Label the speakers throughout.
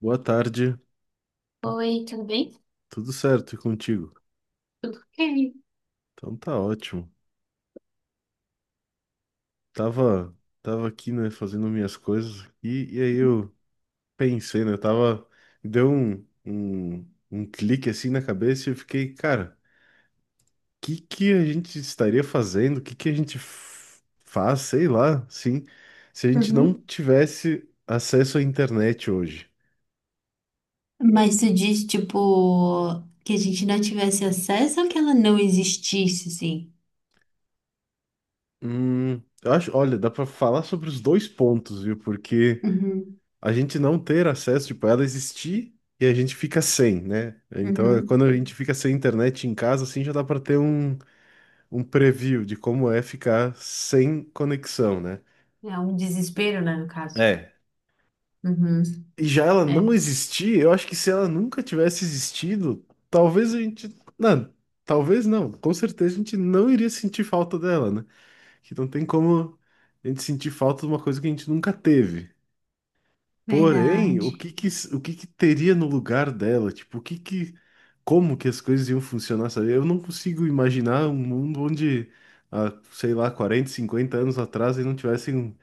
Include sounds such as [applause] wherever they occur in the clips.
Speaker 1: Boa tarde,
Speaker 2: Oi, tudo bem?
Speaker 1: tudo certo e contigo?
Speaker 2: Tudo bem.
Speaker 1: Então tá ótimo. Tava, tava aqui, né, fazendo minhas coisas e aí eu pensei, né, tava, deu um clique assim na cabeça e eu fiquei, cara, o que que a gente estaria fazendo? O que que a gente faz, sei lá, sim, se a gente não
Speaker 2: Uhum.
Speaker 1: tivesse acesso à internet hoje?
Speaker 2: Mas tu diz, tipo, que a gente não tivesse acesso ou que ela não existisse, assim?
Speaker 1: Hum, eu acho, olha, dá pra falar sobre os dois pontos, viu? Porque
Speaker 2: Uhum,
Speaker 1: a gente não ter acesso, tipo, ela existir e a gente fica sem, né? Então, é
Speaker 2: uhum.
Speaker 1: quando a gente fica sem internet em casa, assim, já dá para ter um preview de como é ficar sem conexão, né?
Speaker 2: É um desespero, né, no caso.
Speaker 1: É.
Speaker 2: Uhum.
Speaker 1: E já ela
Speaker 2: Né?
Speaker 1: não existir, eu acho que se ela nunca tivesse existido, talvez a gente. Não, talvez não. Com certeza a gente não iria sentir falta dela, né? Que não tem como a gente sentir falta de uma coisa que a gente nunca teve. Porém,
Speaker 2: Verdade.
Speaker 1: o que que teria no lugar dela? Tipo, como que as coisas iam funcionar, sabe? Eu não consigo imaginar um mundo onde, há, sei lá, 40 50 anos atrás eles não tivessem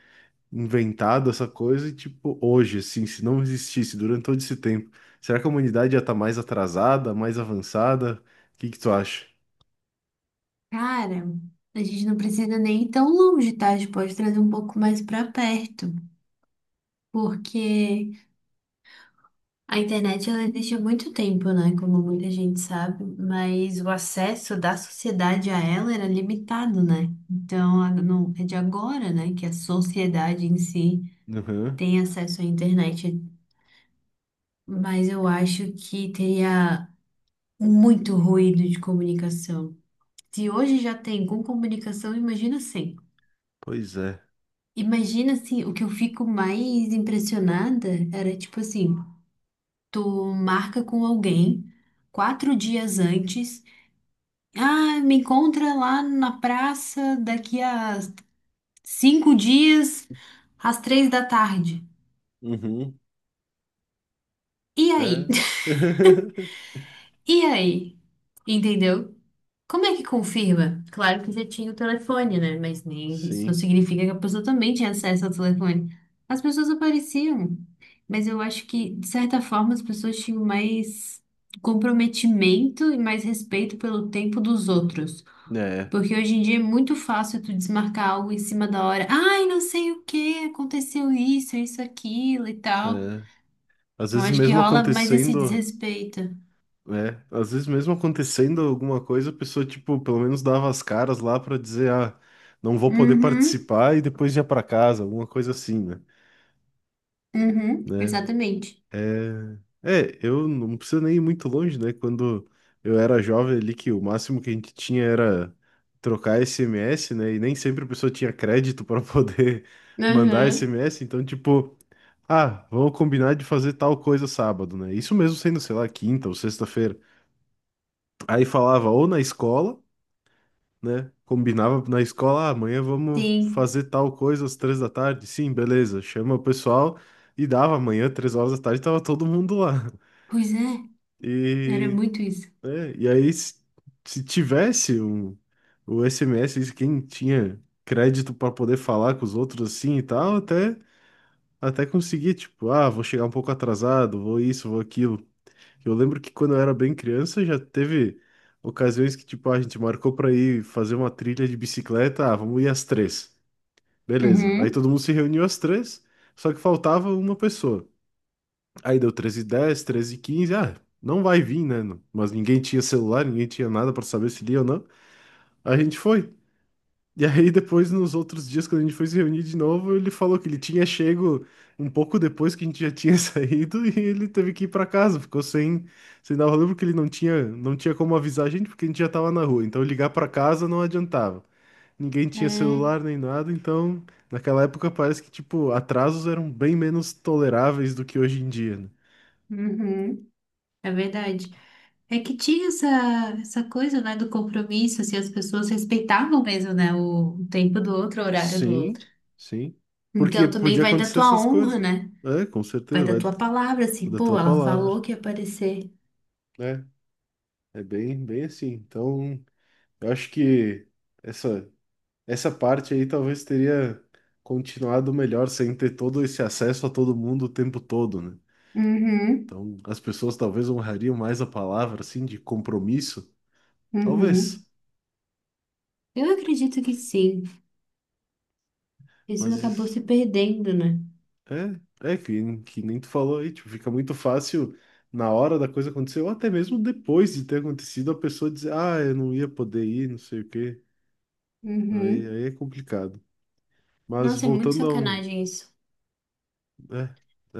Speaker 1: inventado essa coisa e, tipo, hoje, assim, se não existisse durante todo esse tempo, será que a humanidade já tá mais atrasada, mais avançada? O que que tu acha?
Speaker 2: Cara, a gente não precisa nem ir tão longe, tá? A gente pode trazer um pouco mais pra perto. Porque a internet ela existe há muito tempo, né? Como muita gente sabe, mas o acesso da sociedade a ela era limitado, né? Então, é de agora, né, que a sociedade em si
Speaker 1: Uhum.
Speaker 2: tem acesso à internet, mas eu acho que teria muito ruído de comunicação. Se hoje já tem com comunicação, imagina sem.
Speaker 1: Pois é.
Speaker 2: Imagina assim, o que eu fico mais impressionada era tipo assim, tu marca com alguém 4 dias antes. Ah, me encontra lá na praça daqui a 5 dias, às 3 da tarde.
Speaker 1: Uhum.
Speaker 2: E aí?
Speaker 1: É.
Speaker 2: [laughs]
Speaker 1: [laughs]
Speaker 2: E aí? Entendeu? Como é que confirma? Claro que já tinha o telefone, né? Mas nem isso não
Speaker 1: Sim.
Speaker 2: significa que a pessoa também tinha acesso ao telefone. As pessoas apareciam, mas eu acho que, de certa forma, as pessoas tinham mais comprometimento e mais respeito pelo tempo dos outros.
Speaker 1: É.
Speaker 2: Porque hoje em dia é muito fácil tu desmarcar algo em cima da hora. Ai, não sei o que, aconteceu isso, isso, aquilo e tal.
Speaker 1: É. Às
Speaker 2: Então
Speaker 1: vezes
Speaker 2: acho que
Speaker 1: mesmo
Speaker 2: rola mais esse
Speaker 1: acontecendo.
Speaker 2: desrespeito.
Speaker 1: É, às vezes mesmo acontecendo alguma coisa, a pessoa, tipo, pelo menos dava as caras lá pra dizer, ah, não vou poder
Speaker 2: Uhum,
Speaker 1: participar e depois ia pra casa, alguma coisa assim, né?
Speaker 2: uhum,
Speaker 1: Né?
Speaker 2: exatamente.
Speaker 1: É, é, eu não preciso nem ir muito longe, né? Quando eu era jovem ali, que o máximo que a gente tinha era trocar SMS, né? E nem sempre a pessoa tinha crédito para [laughs] poder mandar
Speaker 2: Aham,
Speaker 1: SMS, então, tipo, ah, vamos combinar de fazer tal coisa sábado, né? Isso mesmo sendo, sei lá, quinta ou sexta-feira. Aí falava ou na escola, né? Combinava na escola, ah, amanhã vamos
Speaker 2: sim.
Speaker 1: fazer tal coisa às três da tarde. Sim, beleza. Chama o pessoal e dava amanhã, três horas da tarde, tava todo mundo lá.
Speaker 2: Pois é, era
Speaker 1: E,
Speaker 2: muito isso.
Speaker 1: né, e aí, se tivesse um, o SMS, quem tinha crédito para poder falar com os outros assim e tal, até conseguia, tipo, ah, vou chegar um pouco atrasado, vou isso, vou aquilo. Eu lembro que quando eu era bem criança já teve ocasiões que, tipo, "Ah, a gente marcou pra ir fazer uma trilha de bicicleta. Ah, vamos ir às três. Beleza." Aí
Speaker 2: Uhum,
Speaker 1: todo mundo se reuniu às três, só que faltava uma pessoa. Aí deu 13 e dez, 13 e quinze. Ah, não vai vir, né? Mas ninguém tinha celular, ninguém tinha nada pra saber se ia ou não. A gente foi. E aí, depois, nos outros dias, quando a gente foi se reunir de novo, ele falou que ele tinha chego um pouco depois que a gente já tinha [laughs] saído e ele teve que ir pra casa, ficou sem dar o rolê porque ele não não tinha como avisar a gente porque a gente já tava na rua. Então, ligar pra casa não adiantava. Ninguém tinha
Speaker 2: é,
Speaker 1: celular nem nada, então, naquela época parece que, tipo, atrasos eram bem menos toleráveis do que hoje em dia, né?
Speaker 2: uhum, é verdade. É que tinha essa coisa, né, do compromisso, assim, as pessoas respeitavam mesmo, né, o tempo do outro, o horário do outro.
Speaker 1: Sim, sim. Porque
Speaker 2: Então também
Speaker 1: podia
Speaker 2: vai da
Speaker 1: acontecer
Speaker 2: tua
Speaker 1: essas
Speaker 2: honra,
Speaker 1: coisas.
Speaker 2: né?
Speaker 1: É, com
Speaker 2: Vai
Speaker 1: certeza,
Speaker 2: da
Speaker 1: vai
Speaker 2: tua palavra, assim,
Speaker 1: da
Speaker 2: pô,
Speaker 1: tua
Speaker 2: ela falou
Speaker 1: palavra,
Speaker 2: que ia aparecer.
Speaker 1: né? É bem, bem assim. Então, eu acho que essa, essa parte aí talvez teria continuado melhor sem ter todo esse acesso a todo mundo o tempo todo, né?
Speaker 2: Uhum,
Speaker 1: Então, as pessoas talvez honrariam mais a palavra, assim, de compromisso.
Speaker 2: uhum,
Speaker 1: Talvez.
Speaker 2: eu acredito que sim. Isso
Speaker 1: Mas
Speaker 2: acabou
Speaker 1: isso
Speaker 2: se perdendo, né?
Speaker 1: é, é que nem tu falou aí, tipo, fica muito fácil na hora da coisa acontecer, ou até mesmo depois de ter acontecido, a pessoa dizer, ah, eu não ia poder ir, não sei o quê.
Speaker 2: Uhum.
Speaker 1: Aí é complicado. Mas
Speaker 2: Nossa, é muito
Speaker 1: voltando a um.
Speaker 2: sacanagem isso.
Speaker 1: É,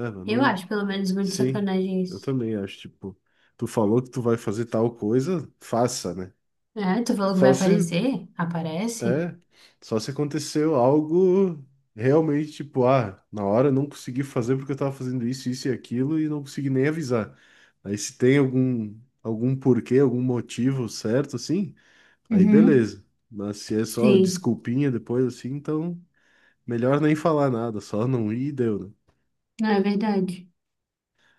Speaker 1: é, mano,
Speaker 2: Eu
Speaker 1: não.
Speaker 2: acho, pelo menos, muito
Speaker 1: Sim,
Speaker 2: sacanagem
Speaker 1: eu
Speaker 2: isso.
Speaker 1: também acho, tipo, tu falou que tu vai fazer tal coisa, faça, né?
Speaker 2: É, tu falou que vai
Speaker 1: Só se,
Speaker 2: aparecer? Aparece?
Speaker 1: é, só se aconteceu algo realmente, tipo, ah, na hora eu não consegui fazer porque eu tava fazendo isso, isso e aquilo e não consegui nem avisar. Aí se tem algum porquê, algum motivo certo, assim, aí
Speaker 2: Uhum,
Speaker 1: beleza. Mas se é só
Speaker 2: sim,
Speaker 1: desculpinha depois, assim, então melhor nem falar nada, só não ir e deu, né?
Speaker 2: não é verdade.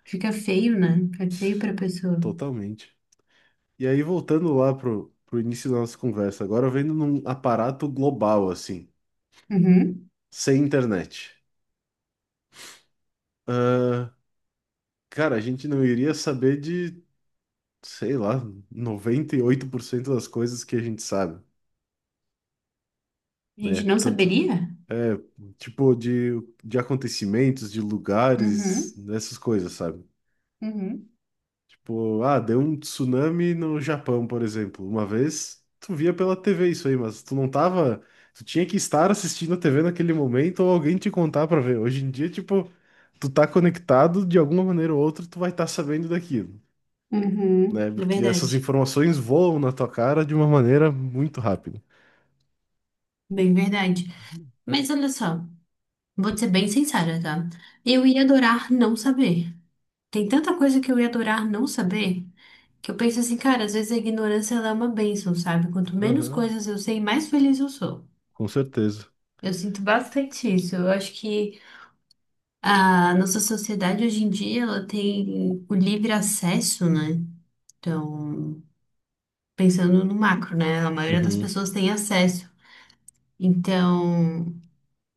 Speaker 2: Fica feio, né? Fica feio pra pessoa.
Speaker 1: Totalmente. E aí, voltando lá pro início da nossa conversa, agora vendo num aparato global, assim,
Speaker 2: Uhum,
Speaker 1: sem internet. Ah, cara, a gente não iria saber sei lá, 98% das coisas que a gente sabe,
Speaker 2: a
Speaker 1: né?
Speaker 2: gente não
Speaker 1: Tanto,
Speaker 2: saberia?
Speaker 1: é, tipo, de acontecimentos, de lugares,
Speaker 2: Uhum,
Speaker 1: dessas coisas, sabe?
Speaker 2: uhum,
Speaker 1: Tipo, ah, deu um tsunami no Japão, por exemplo. Uma vez, tu via pela TV isso aí, mas tu não tava. Tu tinha que estar assistindo a TV naquele momento ou alguém te contar pra ver. Hoje em dia, tipo, tu tá conectado de alguma maneira ou outra, tu vai estar sabendo daquilo,
Speaker 2: uhum.
Speaker 1: né?
Speaker 2: É
Speaker 1: Porque essas
Speaker 2: verdade.
Speaker 1: informações voam na tua cara de uma maneira muito rápida.
Speaker 2: Bem verdade. Mas olha só. Vou te ser bem sincera, tá? Eu ia adorar não saber. Tem tanta coisa que eu ia adorar não saber que eu penso assim, cara, às vezes a ignorância ela é uma bênção, sabe? Quanto menos
Speaker 1: Aham,
Speaker 2: coisas eu sei, mais feliz eu sou.
Speaker 1: com certeza.
Speaker 2: Eu sinto bastante isso. Eu acho que a nossa sociedade hoje em dia ela tem o livre acesso, né? Então, pensando no macro, né? A maioria das
Speaker 1: Uhum.
Speaker 2: pessoas tem acesso. Então,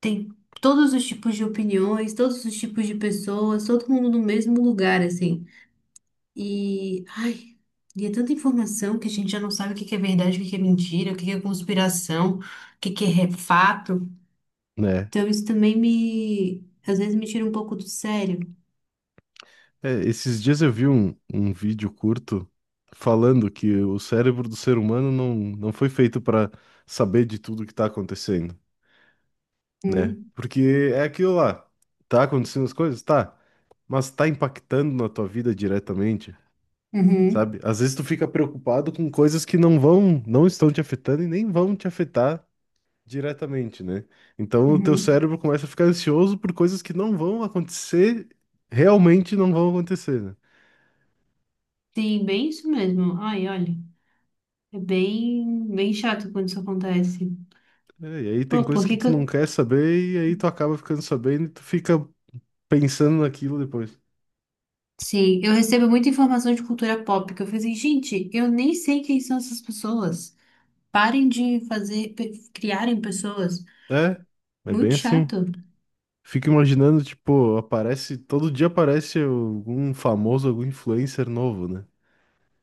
Speaker 2: tem todos os tipos de opiniões, todos os tipos de pessoas, todo mundo no mesmo lugar, assim. E, ai, e é tanta informação que a gente já não sabe o que que é verdade, o que que é mentira, o que que é conspiração, o que que é fato.
Speaker 1: Né?
Speaker 2: Então isso também me, às vezes me tira um pouco do sério.
Speaker 1: É, esses dias eu vi um vídeo curto falando que o cérebro do ser humano não foi feito para saber de tudo que tá acontecendo, né?
Speaker 2: Uhum,
Speaker 1: Porque é aquilo lá, tá acontecendo as coisas? Tá, mas tá impactando na tua vida diretamente,
Speaker 2: uhum,
Speaker 1: sabe? Às vezes tu fica preocupado com coisas que não não estão te afetando e nem vão te afetar diretamente, né? Então o teu
Speaker 2: uhum.
Speaker 1: cérebro começa a ficar ansioso por coisas que não vão acontecer, realmente não vão acontecer, né?
Speaker 2: Sim, bem isso mesmo. Ai, olha, é bem, bem chato quando isso acontece.
Speaker 1: É, e aí
Speaker 2: Pô,
Speaker 1: tem
Speaker 2: por
Speaker 1: coisas que
Speaker 2: que que
Speaker 1: tu
Speaker 2: eu...
Speaker 1: não quer saber e aí tu acaba ficando sabendo e tu fica pensando naquilo depois.
Speaker 2: Sim, eu recebo muita informação de cultura pop que eu falei assim, gente, eu nem sei quem são essas pessoas. Parem de fazer, criarem pessoas.
Speaker 1: É, é bem
Speaker 2: Muito
Speaker 1: assim.
Speaker 2: chato.
Speaker 1: Fico imaginando, tipo, aparece, todo dia aparece algum famoso, algum influencer novo, né?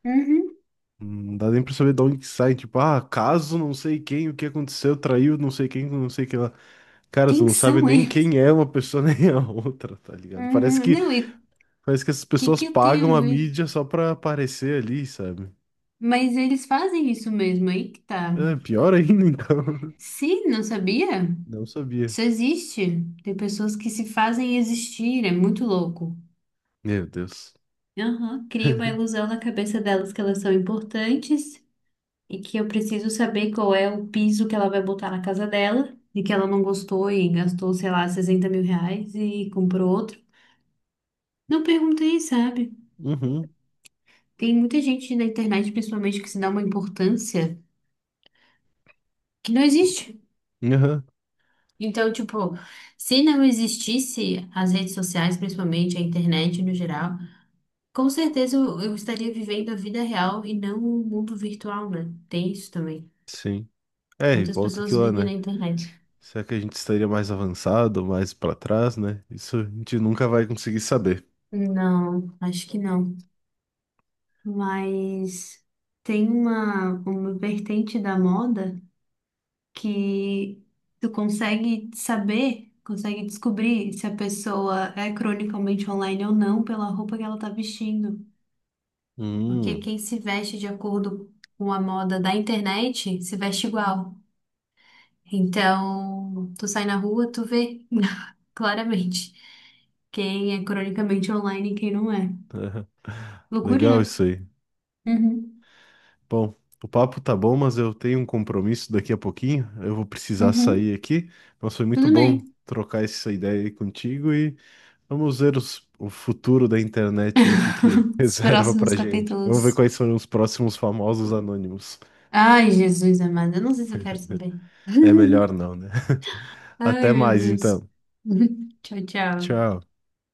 Speaker 2: Uhum.
Speaker 1: Não dá nem pra saber de onde que sai, tipo, ah, caso não sei quem, o que aconteceu, traiu não sei quem, com não sei quem lá. Cara, tu
Speaker 2: Quem
Speaker 1: não sabe
Speaker 2: são
Speaker 1: nem
Speaker 2: eles?
Speaker 1: quem é uma pessoa [laughs] nem a outra, tá ligado? Parece
Speaker 2: Uhum. Não, e o
Speaker 1: parece que essas
Speaker 2: que
Speaker 1: pessoas
Speaker 2: que eu tenho
Speaker 1: pagam
Speaker 2: a
Speaker 1: a
Speaker 2: ver?
Speaker 1: mídia só pra aparecer ali, sabe?
Speaker 2: Mas eles fazem isso mesmo, aí que tá.
Speaker 1: É, pior ainda, então. [laughs]
Speaker 2: Sim, não sabia?
Speaker 1: Não sabia.
Speaker 2: Isso existe. Tem pessoas que se fazem existir, é muito louco.
Speaker 1: Meu Deus.
Speaker 2: Aham, cria uma
Speaker 1: [laughs]
Speaker 2: ilusão na cabeça delas que elas são importantes e que eu preciso saber qual é o piso que ela vai botar na casa dela e que ela não gostou e gastou, sei lá, 60 mil reais e comprou outro. Não perguntei, sabe?
Speaker 1: Uhum,
Speaker 2: Tem muita gente na internet, principalmente, que se dá uma importância que não existe.
Speaker 1: uhum,
Speaker 2: Então, tipo, se não existisse as redes sociais, principalmente a internet no geral, com certeza eu estaria vivendo a vida real e não o mundo virtual, né? Tem isso também.
Speaker 1: sim. É, e
Speaker 2: Muitas
Speaker 1: volta aqui
Speaker 2: pessoas
Speaker 1: lá,
Speaker 2: vivem
Speaker 1: né?
Speaker 2: na internet.
Speaker 1: Será que a gente estaria mais avançado, mais pra trás, né? Isso a gente nunca vai conseguir saber.
Speaker 2: Não, acho que não. Mas tem uma vertente da moda que tu consegue saber, consegue descobrir se a pessoa é cronicamente online ou não pela roupa que ela tá vestindo. Porque
Speaker 1: Hum,
Speaker 2: quem se veste de acordo com a moda da internet se veste igual. Então, tu sai na rua, tu vê [laughs] claramente quem é cronicamente online e quem não é. Loucura,
Speaker 1: legal
Speaker 2: né?
Speaker 1: isso aí.
Speaker 2: Uhum.
Speaker 1: Bom, o papo tá bom, mas eu tenho um compromisso daqui a pouquinho. Eu vou precisar
Speaker 2: Uhum.
Speaker 1: sair aqui. Mas foi muito
Speaker 2: Tudo
Speaker 1: bom
Speaker 2: bem.
Speaker 1: trocar essa ideia aí contigo e vamos ver o futuro da internet e o que que [laughs]
Speaker 2: [laughs] Os
Speaker 1: reserva
Speaker 2: próximos
Speaker 1: pra gente. Vamos ver
Speaker 2: capítulos.
Speaker 1: quais são os próximos famosos anônimos.
Speaker 2: Ai, Jesus amado, eu não sei se eu quero
Speaker 1: [laughs]
Speaker 2: saber.
Speaker 1: É melhor
Speaker 2: [laughs]
Speaker 1: não, né?
Speaker 2: Ai,
Speaker 1: Até
Speaker 2: meu
Speaker 1: mais,
Speaker 2: Deus.
Speaker 1: então.
Speaker 2: [laughs] Tchau, tchau.
Speaker 1: Tchau.